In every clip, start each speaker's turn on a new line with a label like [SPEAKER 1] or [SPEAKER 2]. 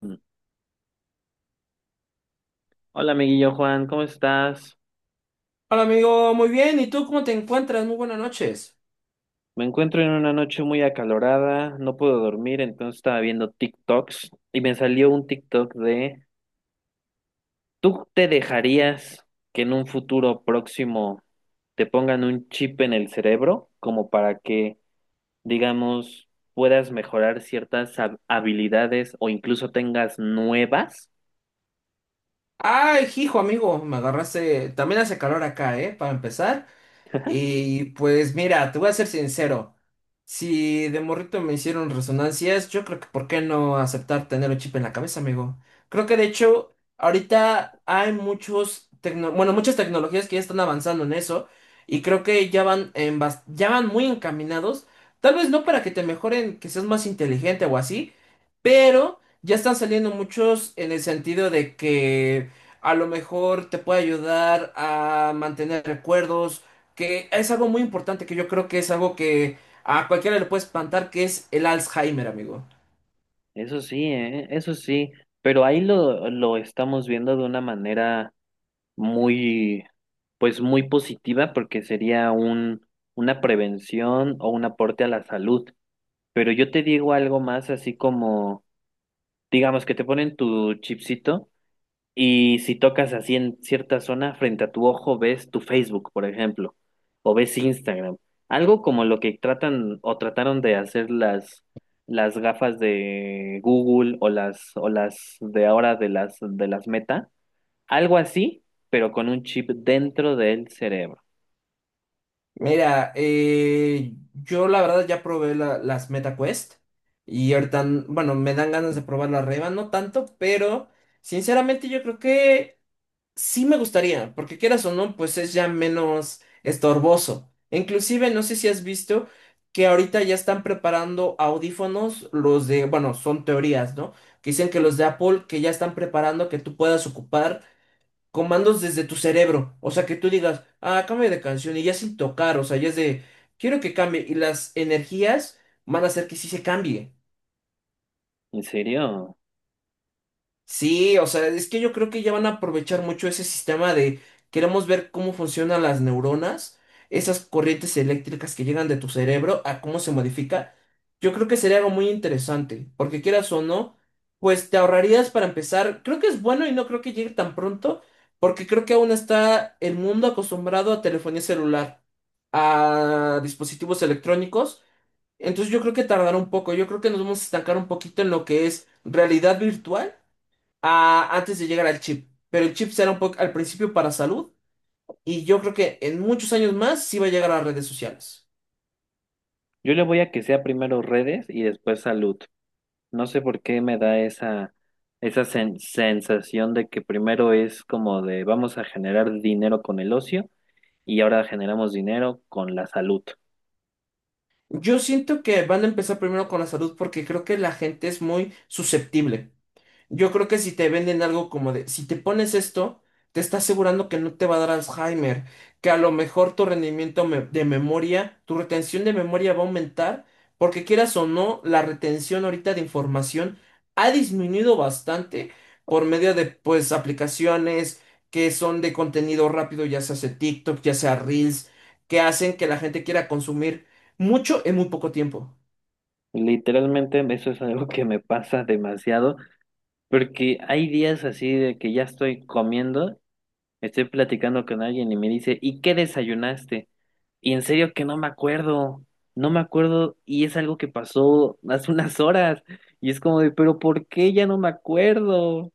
[SPEAKER 1] Hola, amiguillo Juan, ¿cómo estás?
[SPEAKER 2] Hola amigo, muy bien. ¿Y tú cómo te encuentras? Muy buenas noches.
[SPEAKER 1] Me encuentro en una noche muy acalorada, no puedo dormir, entonces estaba viendo TikToks y me salió un TikTok ¿tú te dejarías que en un futuro próximo te pongan un chip en el cerebro como para que, digamos, puedas mejorar ciertas habilidades o incluso tengas nuevas?
[SPEAKER 2] Ay, hijo amigo, me agarraste. También hace calor acá, ¿eh? Para empezar. Y pues mira, te voy a ser sincero. Si de morrito me hicieron resonancias, yo creo que ¿por qué no aceptar tener un chip en la cabeza, amigo? Creo que de hecho, ahorita hay muchos bueno, muchas tecnologías que ya están avanzando en eso y creo que ya van muy encaminados, tal vez no para que te mejoren, que seas más inteligente o así, pero ya están saliendo muchos en el sentido de que a lo mejor te puede ayudar a mantener recuerdos que es algo muy importante que yo creo que es algo que a cualquiera le puede espantar, que es el Alzheimer, amigo.
[SPEAKER 1] Eso sí, ¿eh? Eso sí, pero ahí lo estamos viendo de una manera muy, pues muy positiva porque sería una prevención o un aporte a la salud. Pero yo te digo algo más, así como, digamos que te ponen tu chipsito y si tocas así en cierta zona frente a tu ojo ves tu Facebook, por ejemplo, o ves Instagram. Algo como lo que tratan o trataron de hacer las gafas de Google o las de ahora de las Meta, algo así, pero con un chip dentro del cerebro.
[SPEAKER 2] Mira, yo la verdad ya probé las MetaQuest y ahorita, bueno, me dan ganas de probar la Reba, no tanto, pero sinceramente yo creo que sí me gustaría, porque quieras o no, pues es ya menos estorboso. Inclusive, no sé si has visto que ahorita ya están preparando audífonos, los de, bueno, son teorías, ¿no? Que dicen que los de Apple, que ya están preparando que tú puedas ocupar comandos desde tu cerebro. O sea, que tú digas, ah, cambia de canción y ya sin tocar, o sea, ya es de, quiero que cambie. Y las energías van a hacer que sí se cambie.
[SPEAKER 1] ¿En serio?
[SPEAKER 2] Sí, o sea, es que yo creo que ya van a aprovechar mucho ese sistema de queremos ver cómo funcionan las neuronas, esas corrientes eléctricas que llegan de tu cerebro, a cómo se modifica. Yo creo que sería algo muy interesante, porque quieras o no, pues te ahorrarías para empezar. Creo que es bueno y no creo que llegue tan pronto, porque creo que aún está el mundo acostumbrado a telefonía celular, a dispositivos electrónicos. Entonces yo creo que tardará un poco, yo creo que nos vamos a estancar un poquito en lo que es realidad virtual antes de llegar al chip. Pero el chip será un poco al principio para salud y yo creo que en muchos años más sí va a llegar a las redes sociales.
[SPEAKER 1] Yo le voy a que sea primero redes y después salud. No sé por qué me da esa sensación de que primero es como de vamos a generar dinero con el ocio y ahora generamos dinero con la salud.
[SPEAKER 2] Yo siento que van a empezar primero con la salud porque creo que la gente es muy susceptible. Yo creo que si te venden algo como de, si te pones esto, te está asegurando que no te va a dar Alzheimer, que a lo mejor tu rendimiento de memoria, tu retención de memoria va a aumentar, porque quieras o no, la retención ahorita de información ha disminuido bastante por medio de, pues, aplicaciones que son de contenido rápido, ya sea hace TikTok, ya sea Reels, que hacen que la gente quiera consumir mucho en muy poco tiempo.
[SPEAKER 1] Literalmente eso es algo que me pasa demasiado porque hay días así de que ya estoy comiendo, estoy platicando con alguien y me dice, ¿y qué desayunaste? Y en serio que no me acuerdo, no me acuerdo, y es algo que pasó hace unas horas y es como de, pero ¿por qué ya no me acuerdo?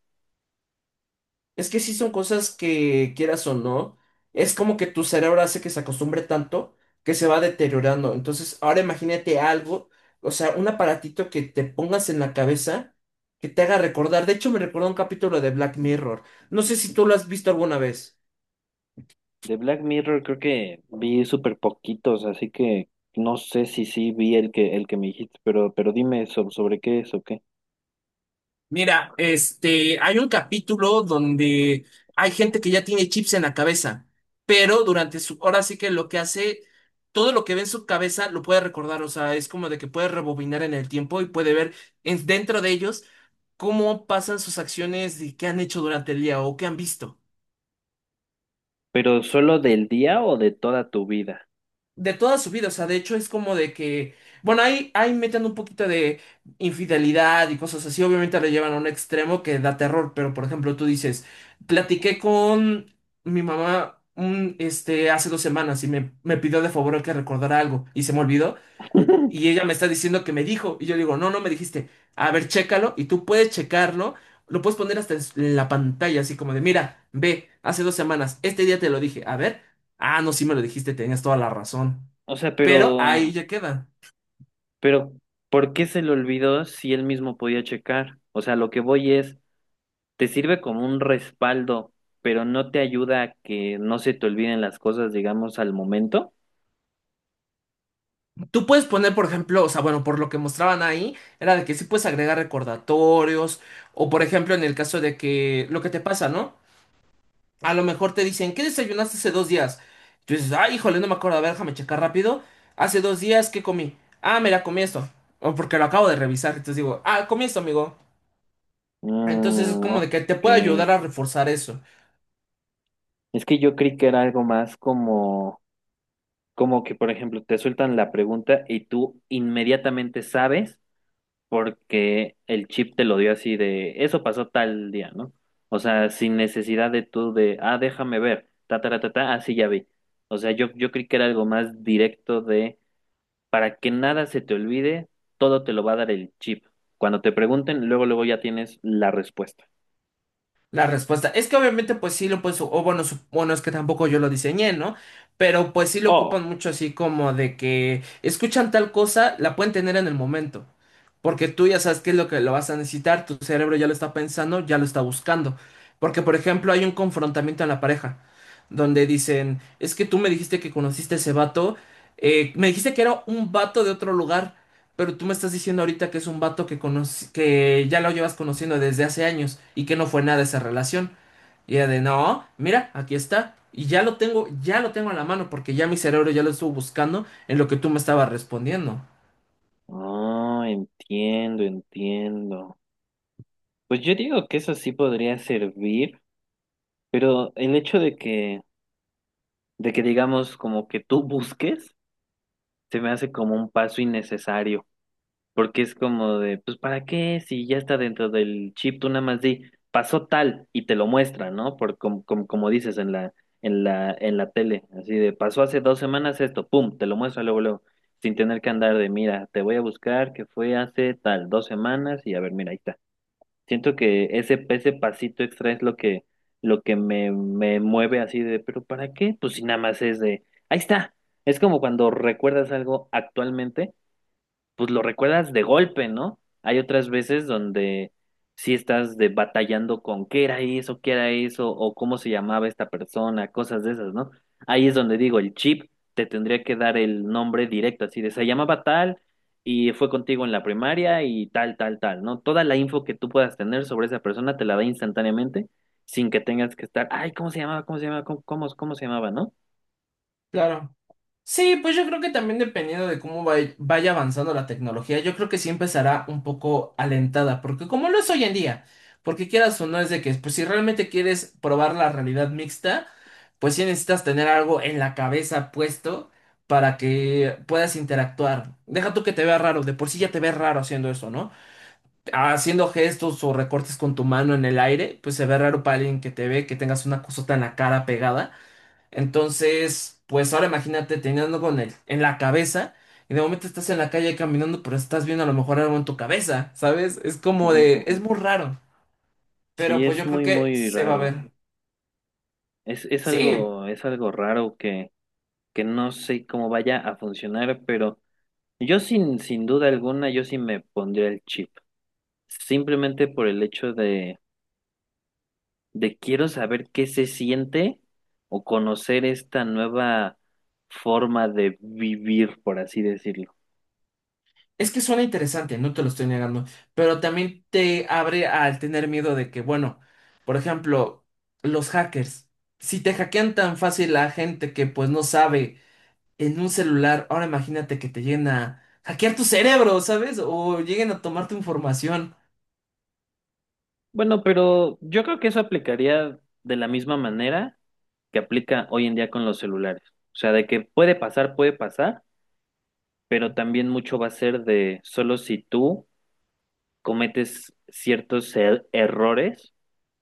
[SPEAKER 2] Es que sí son cosas que quieras o no, es como que tu cerebro hace que se acostumbre tanto que se va deteriorando. Entonces, ahora imagínate algo, o sea, un aparatito que te pongas en la cabeza que te haga recordar. De hecho, me recordó un capítulo de Black Mirror. No sé si tú lo has visto alguna vez.
[SPEAKER 1] De Black Mirror creo que vi súper poquitos, así que no sé si sí vi el que me dijiste, pero dime sobre qué es o qué.
[SPEAKER 2] Mira, este, hay un capítulo donde hay gente que ya tiene chips en la cabeza, pero durante su, ahora sí que lo que hace, todo lo que ve en su cabeza lo puede recordar, o sea, es como de que puede rebobinar en el tiempo y puede ver dentro de ellos cómo pasan sus acciones y qué han hecho durante el día o qué han visto.
[SPEAKER 1] ¿Pero solo del día o de toda tu vida?
[SPEAKER 2] De toda su vida, o sea, de hecho es como de que, bueno, ahí, ahí meten un poquito de infidelidad y cosas así, obviamente lo llevan a un extremo que da terror, pero por ejemplo tú dices, platiqué con mi mamá este, hace 2 semanas y me pidió de favor que recordara algo y se me olvidó y ella me está diciendo que me dijo y yo le digo, no, no me dijiste, a ver, chécalo y tú puedes checarlo. Lo puedes poner hasta en la pantalla, así como de, mira, ve, hace 2 semanas, este día te lo dije, a ver, ah, no, sí me lo dijiste, tenías toda la razón.
[SPEAKER 1] O sea,
[SPEAKER 2] Pero ahí
[SPEAKER 1] pero,
[SPEAKER 2] ya queda.
[SPEAKER 1] pero, ¿por qué se le olvidó si él mismo podía checar? O sea, lo que voy es, te sirve como un respaldo, pero no te ayuda a que no se te olviden las cosas, digamos, al momento.
[SPEAKER 2] Tú puedes poner, por ejemplo, o sea, bueno, por lo que mostraban ahí, era de que sí puedes agregar recordatorios, o por ejemplo, en el caso de que lo que te pasa, ¿no? A lo mejor te dicen, ¿qué desayunaste hace 2 días? Tú dices, ay, híjole, no me acuerdo, a ver, déjame checar rápido. Hace 2 días, ¿qué comí? Ah, mira, comí esto. O porque lo acabo de revisar, entonces digo, ah, comí esto, amigo. Entonces es
[SPEAKER 1] Mm,
[SPEAKER 2] como de
[SPEAKER 1] ok.
[SPEAKER 2] que te puede ayudar a reforzar eso.
[SPEAKER 1] Es que yo creí que era algo más como que, por ejemplo, te sueltan la pregunta y tú inmediatamente sabes porque el chip te lo dio así de, eso pasó tal día, ¿no? O sea, sin necesidad de tú de, ah, déjame ver, ta, ta, ta, ta, ta, ah, sí, ya vi. O sea, yo creí que era algo más directo de Para que nada se te olvide, todo te lo va a dar el chip. Cuando te pregunten, luego, luego ya tienes la respuesta.
[SPEAKER 2] La respuesta es que obviamente pues sí lo pues o bueno, bueno es que tampoco yo lo diseñé, ¿no? Pero pues sí lo
[SPEAKER 1] Oh,
[SPEAKER 2] ocupan mucho así como de que escuchan tal cosa, la pueden tener en el momento, porque tú ya sabes qué es lo que lo vas a necesitar, tu cerebro ya lo está pensando, ya lo está buscando. Porque por ejemplo hay un confrontamiento en la pareja, donde dicen, es que tú me dijiste que conociste a ese vato, me dijiste que era un vato de otro lugar. Pero tú me estás diciendo ahorita que es un vato que ya lo llevas conociendo desde hace años y que no fue nada esa relación. Y era de, no, mira, aquí está. Y ya lo tengo a la mano porque ya mi cerebro ya lo estuvo buscando en lo que tú me estabas respondiendo.
[SPEAKER 1] Ah, entiendo, entiendo. Pues yo digo que eso sí podría servir, pero el hecho de que digamos como que tú busques, se me hace como un paso innecesario. Porque es como de, pues, ¿para qué? Si ya está dentro del chip, tú nada más di, pasó tal y te lo muestra, ¿no? Como dices en la tele, así de, pasó hace 2 semanas esto, pum, te lo muestra luego, luego, sin tener que andar de, mira, te voy a buscar que fue hace tal, 2 semanas y a ver, mira, ahí está. Siento que ese pasito extra es lo que me mueve así de, pero ¿para qué? Pues si nada más es de, ahí está. Es como cuando recuerdas algo actualmente, pues lo recuerdas de golpe, ¿no? Hay otras veces donde sí estás de batallando con qué era eso, o cómo se llamaba esta persona, cosas de esas, ¿no? Ahí es donde digo, el chip te tendría que dar el nombre directo, así de, se llamaba tal y fue contigo en la primaria y tal, tal, tal, ¿no? Toda la info que tú puedas tener sobre esa persona te la da instantáneamente, sin que tengas que estar, ay, ¿cómo se llamaba? ¿Cómo se llamaba? ¿Cómo se llamaba? ¿No?
[SPEAKER 2] Claro. Sí, pues yo creo que también dependiendo de cómo vaya avanzando la tecnología, yo creo que sí empezará un poco alentada, porque como lo es hoy en día, porque quieras o no es de que, pues si realmente quieres probar la realidad mixta, pues sí necesitas tener algo en la cabeza puesto para que puedas interactuar. Deja tú que te vea raro, de por sí ya te ves raro haciendo eso, ¿no? Haciendo gestos o recortes con tu mano en el aire, pues se ve raro para alguien que te ve, que tengas una cosota en la cara pegada. Entonces, pues ahora imagínate teniendo con el en la cabeza y de momento estás en la calle caminando, pero estás viendo a lo mejor algo en tu cabeza, ¿sabes? Es como
[SPEAKER 1] Ujú,
[SPEAKER 2] de,
[SPEAKER 1] ujú.
[SPEAKER 2] es muy raro, pero
[SPEAKER 1] Sí,
[SPEAKER 2] pues
[SPEAKER 1] es
[SPEAKER 2] yo creo
[SPEAKER 1] muy,
[SPEAKER 2] que
[SPEAKER 1] muy
[SPEAKER 2] se va a
[SPEAKER 1] raro.
[SPEAKER 2] ver.
[SPEAKER 1] Es
[SPEAKER 2] Sí,
[SPEAKER 1] algo, es algo raro que no sé cómo vaya a funcionar, pero yo sin duda alguna, yo sí me pondría el chip. Simplemente por el hecho de quiero saber qué se siente o conocer esta nueva forma de vivir, por así decirlo.
[SPEAKER 2] es que suena interesante, no te lo estoy negando, pero también te abre al tener miedo de que, bueno, por ejemplo, los hackers, si te hackean tan fácil a gente que pues no sabe en un celular, ahora imagínate que te lleguen a hackear tu cerebro, ¿sabes? O lleguen a tomar tu información.
[SPEAKER 1] Bueno, pero yo creo que eso aplicaría de la misma manera que aplica hoy en día con los celulares. O sea, de que puede pasar, pero también mucho va a ser de, solo si tú cometes ciertos errores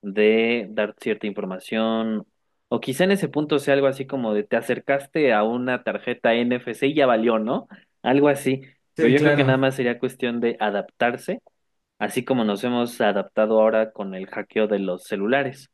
[SPEAKER 1] de dar cierta información, o quizá en ese punto sea algo así como de te acercaste a una tarjeta NFC y ya valió, ¿no? Algo así, pero
[SPEAKER 2] Sí,
[SPEAKER 1] yo creo que nada
[SPEAKER 2] claro.
[SPEAKER 1] más sería cuestión de adaptarse, así como nos hemos adaptado ahora con el hackeo de los celulares.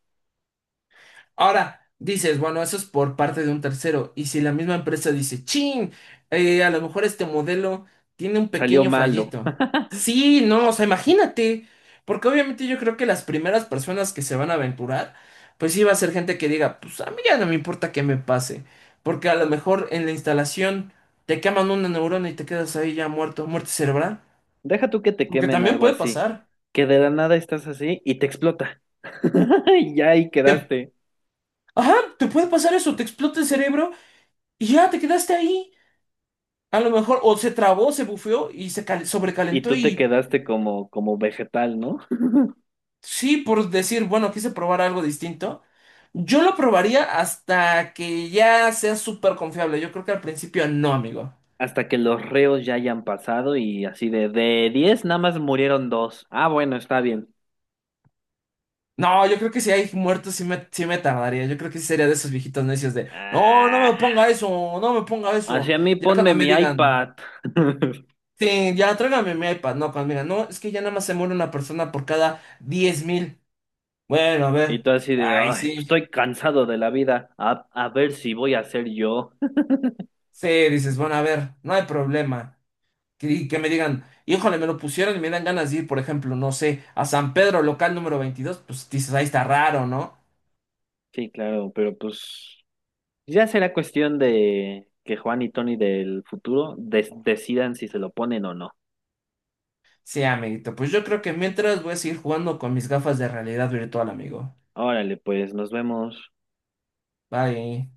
[SPEAKER 2] Ahora, dices, bueno, eso es por parte de un tercero. Y si la misma empresa dice, ching, a lo mejor este modelo tiene un
[SPEAKER 1] Salió
[SPEAKER 2] pequeño
[SPEAKER 1] malo.
[SPEAKER 2] fallito. Sí, no, o sea, imagínate. Porque obviamente yo creo que las primeras personas que se van a aventurar, pues sí va a ser gente que diga, pues a mí ya no me importa qué me pase. Porque a lo mejor en la instalación te queman una neurona y te quedas ahí ya muerto, muerte cerebral.
[SPEAKER 1] Deja tú que te
[SPEAKER 2] Porque
[SPEAKER 1] quemen
[SPEAKER 2] también
[SPEAKER 1] algo
[SPEAKER 2] puede
[SPEAKER 1] así,
[SPEAKER 2] pasar.
[SPEAKER 1] que de la nada estás así y te explota. Y ya ahí
[SPEAKER 2] Te-
[SPEAKER 1] quedaste.
[SPEAKER 2] Ajá, te puede pasar eso, te explota el cerebro y ya te quedaste ahí. A lo mejor o se trabó, se bufeó y se cal-
[SPEAKER 1] Y
[SPEAKER 2] sobrecalentó
[SPEAKER 1] tú te
[SPEAKER 2] y
[SPEAKER 1] quedaste como vegetal, ¿no?
[SPEAKER 2] sí, por decir, bueno, quise probar algo distinto. Yo lo probaría hasta que ya sea súper confiable. Yo creo que al principio no, amigo.
[SPEAKER 1] Hasta que los reos ya hayan pasado y así de 10 nada más murieron dos. Ah, bueno, está bien.
[SPEAKER 2] No, yo creo que si hay muertos sí me tardaría. Yo creo que sí sería de esos viejitos necios de, no, no
[SPEAKER 1] Ah,
[SPEAKER 2] me ponga eso, no me ponga eso.
[SPEAKER 1] hacia mí
[SPEAKER 2] Ya cuando
[SPEAKER 1] ponme
[SPEAKER 2] me
[SPEAKER 1] mi
[SPEAKER 2] digan,
[SPEAKER 1] iPad.
[SPEAKER 2] sí, ya tráigame mi iPad. No, cuando me digan, no, es que ya nada más se muere una persona por cada 10.000. Bueno, a
[SPEAKER 1] Y
[SPEAKER 2] ver.
[SPEAKER 1] tú así de,
[SPEAKER 2] Ay,
[SPEAKER 1] ay, pues,
[SPEAKER 2] sí.
[SPEAKER 1] estoy cansado de la vida, a ver si voy a ser yo.
[SPEAKER 2] Sí, dices, bueno, a ver, no hay problema. Que me digan, híjole, me lo pusieron y me dan ganas de ir, por ejemplo, no sé, a San Pedro, local número 22, pues dices, ahí está raro, ¿no?
[SPEAKER 1] Sí, claro, pero pues ya será cuestión de que Juan y Tony del futuro decidan si se lo ponen o no.
[SPEAKER 2] Sí, amiguito, pues yo creo que mientras voy a seguir jugando con mis gafas de realidad virtual, amigo.
[SPEAKER 1] Órale, pues nos vemos.
[SPEAKER 2] Bye.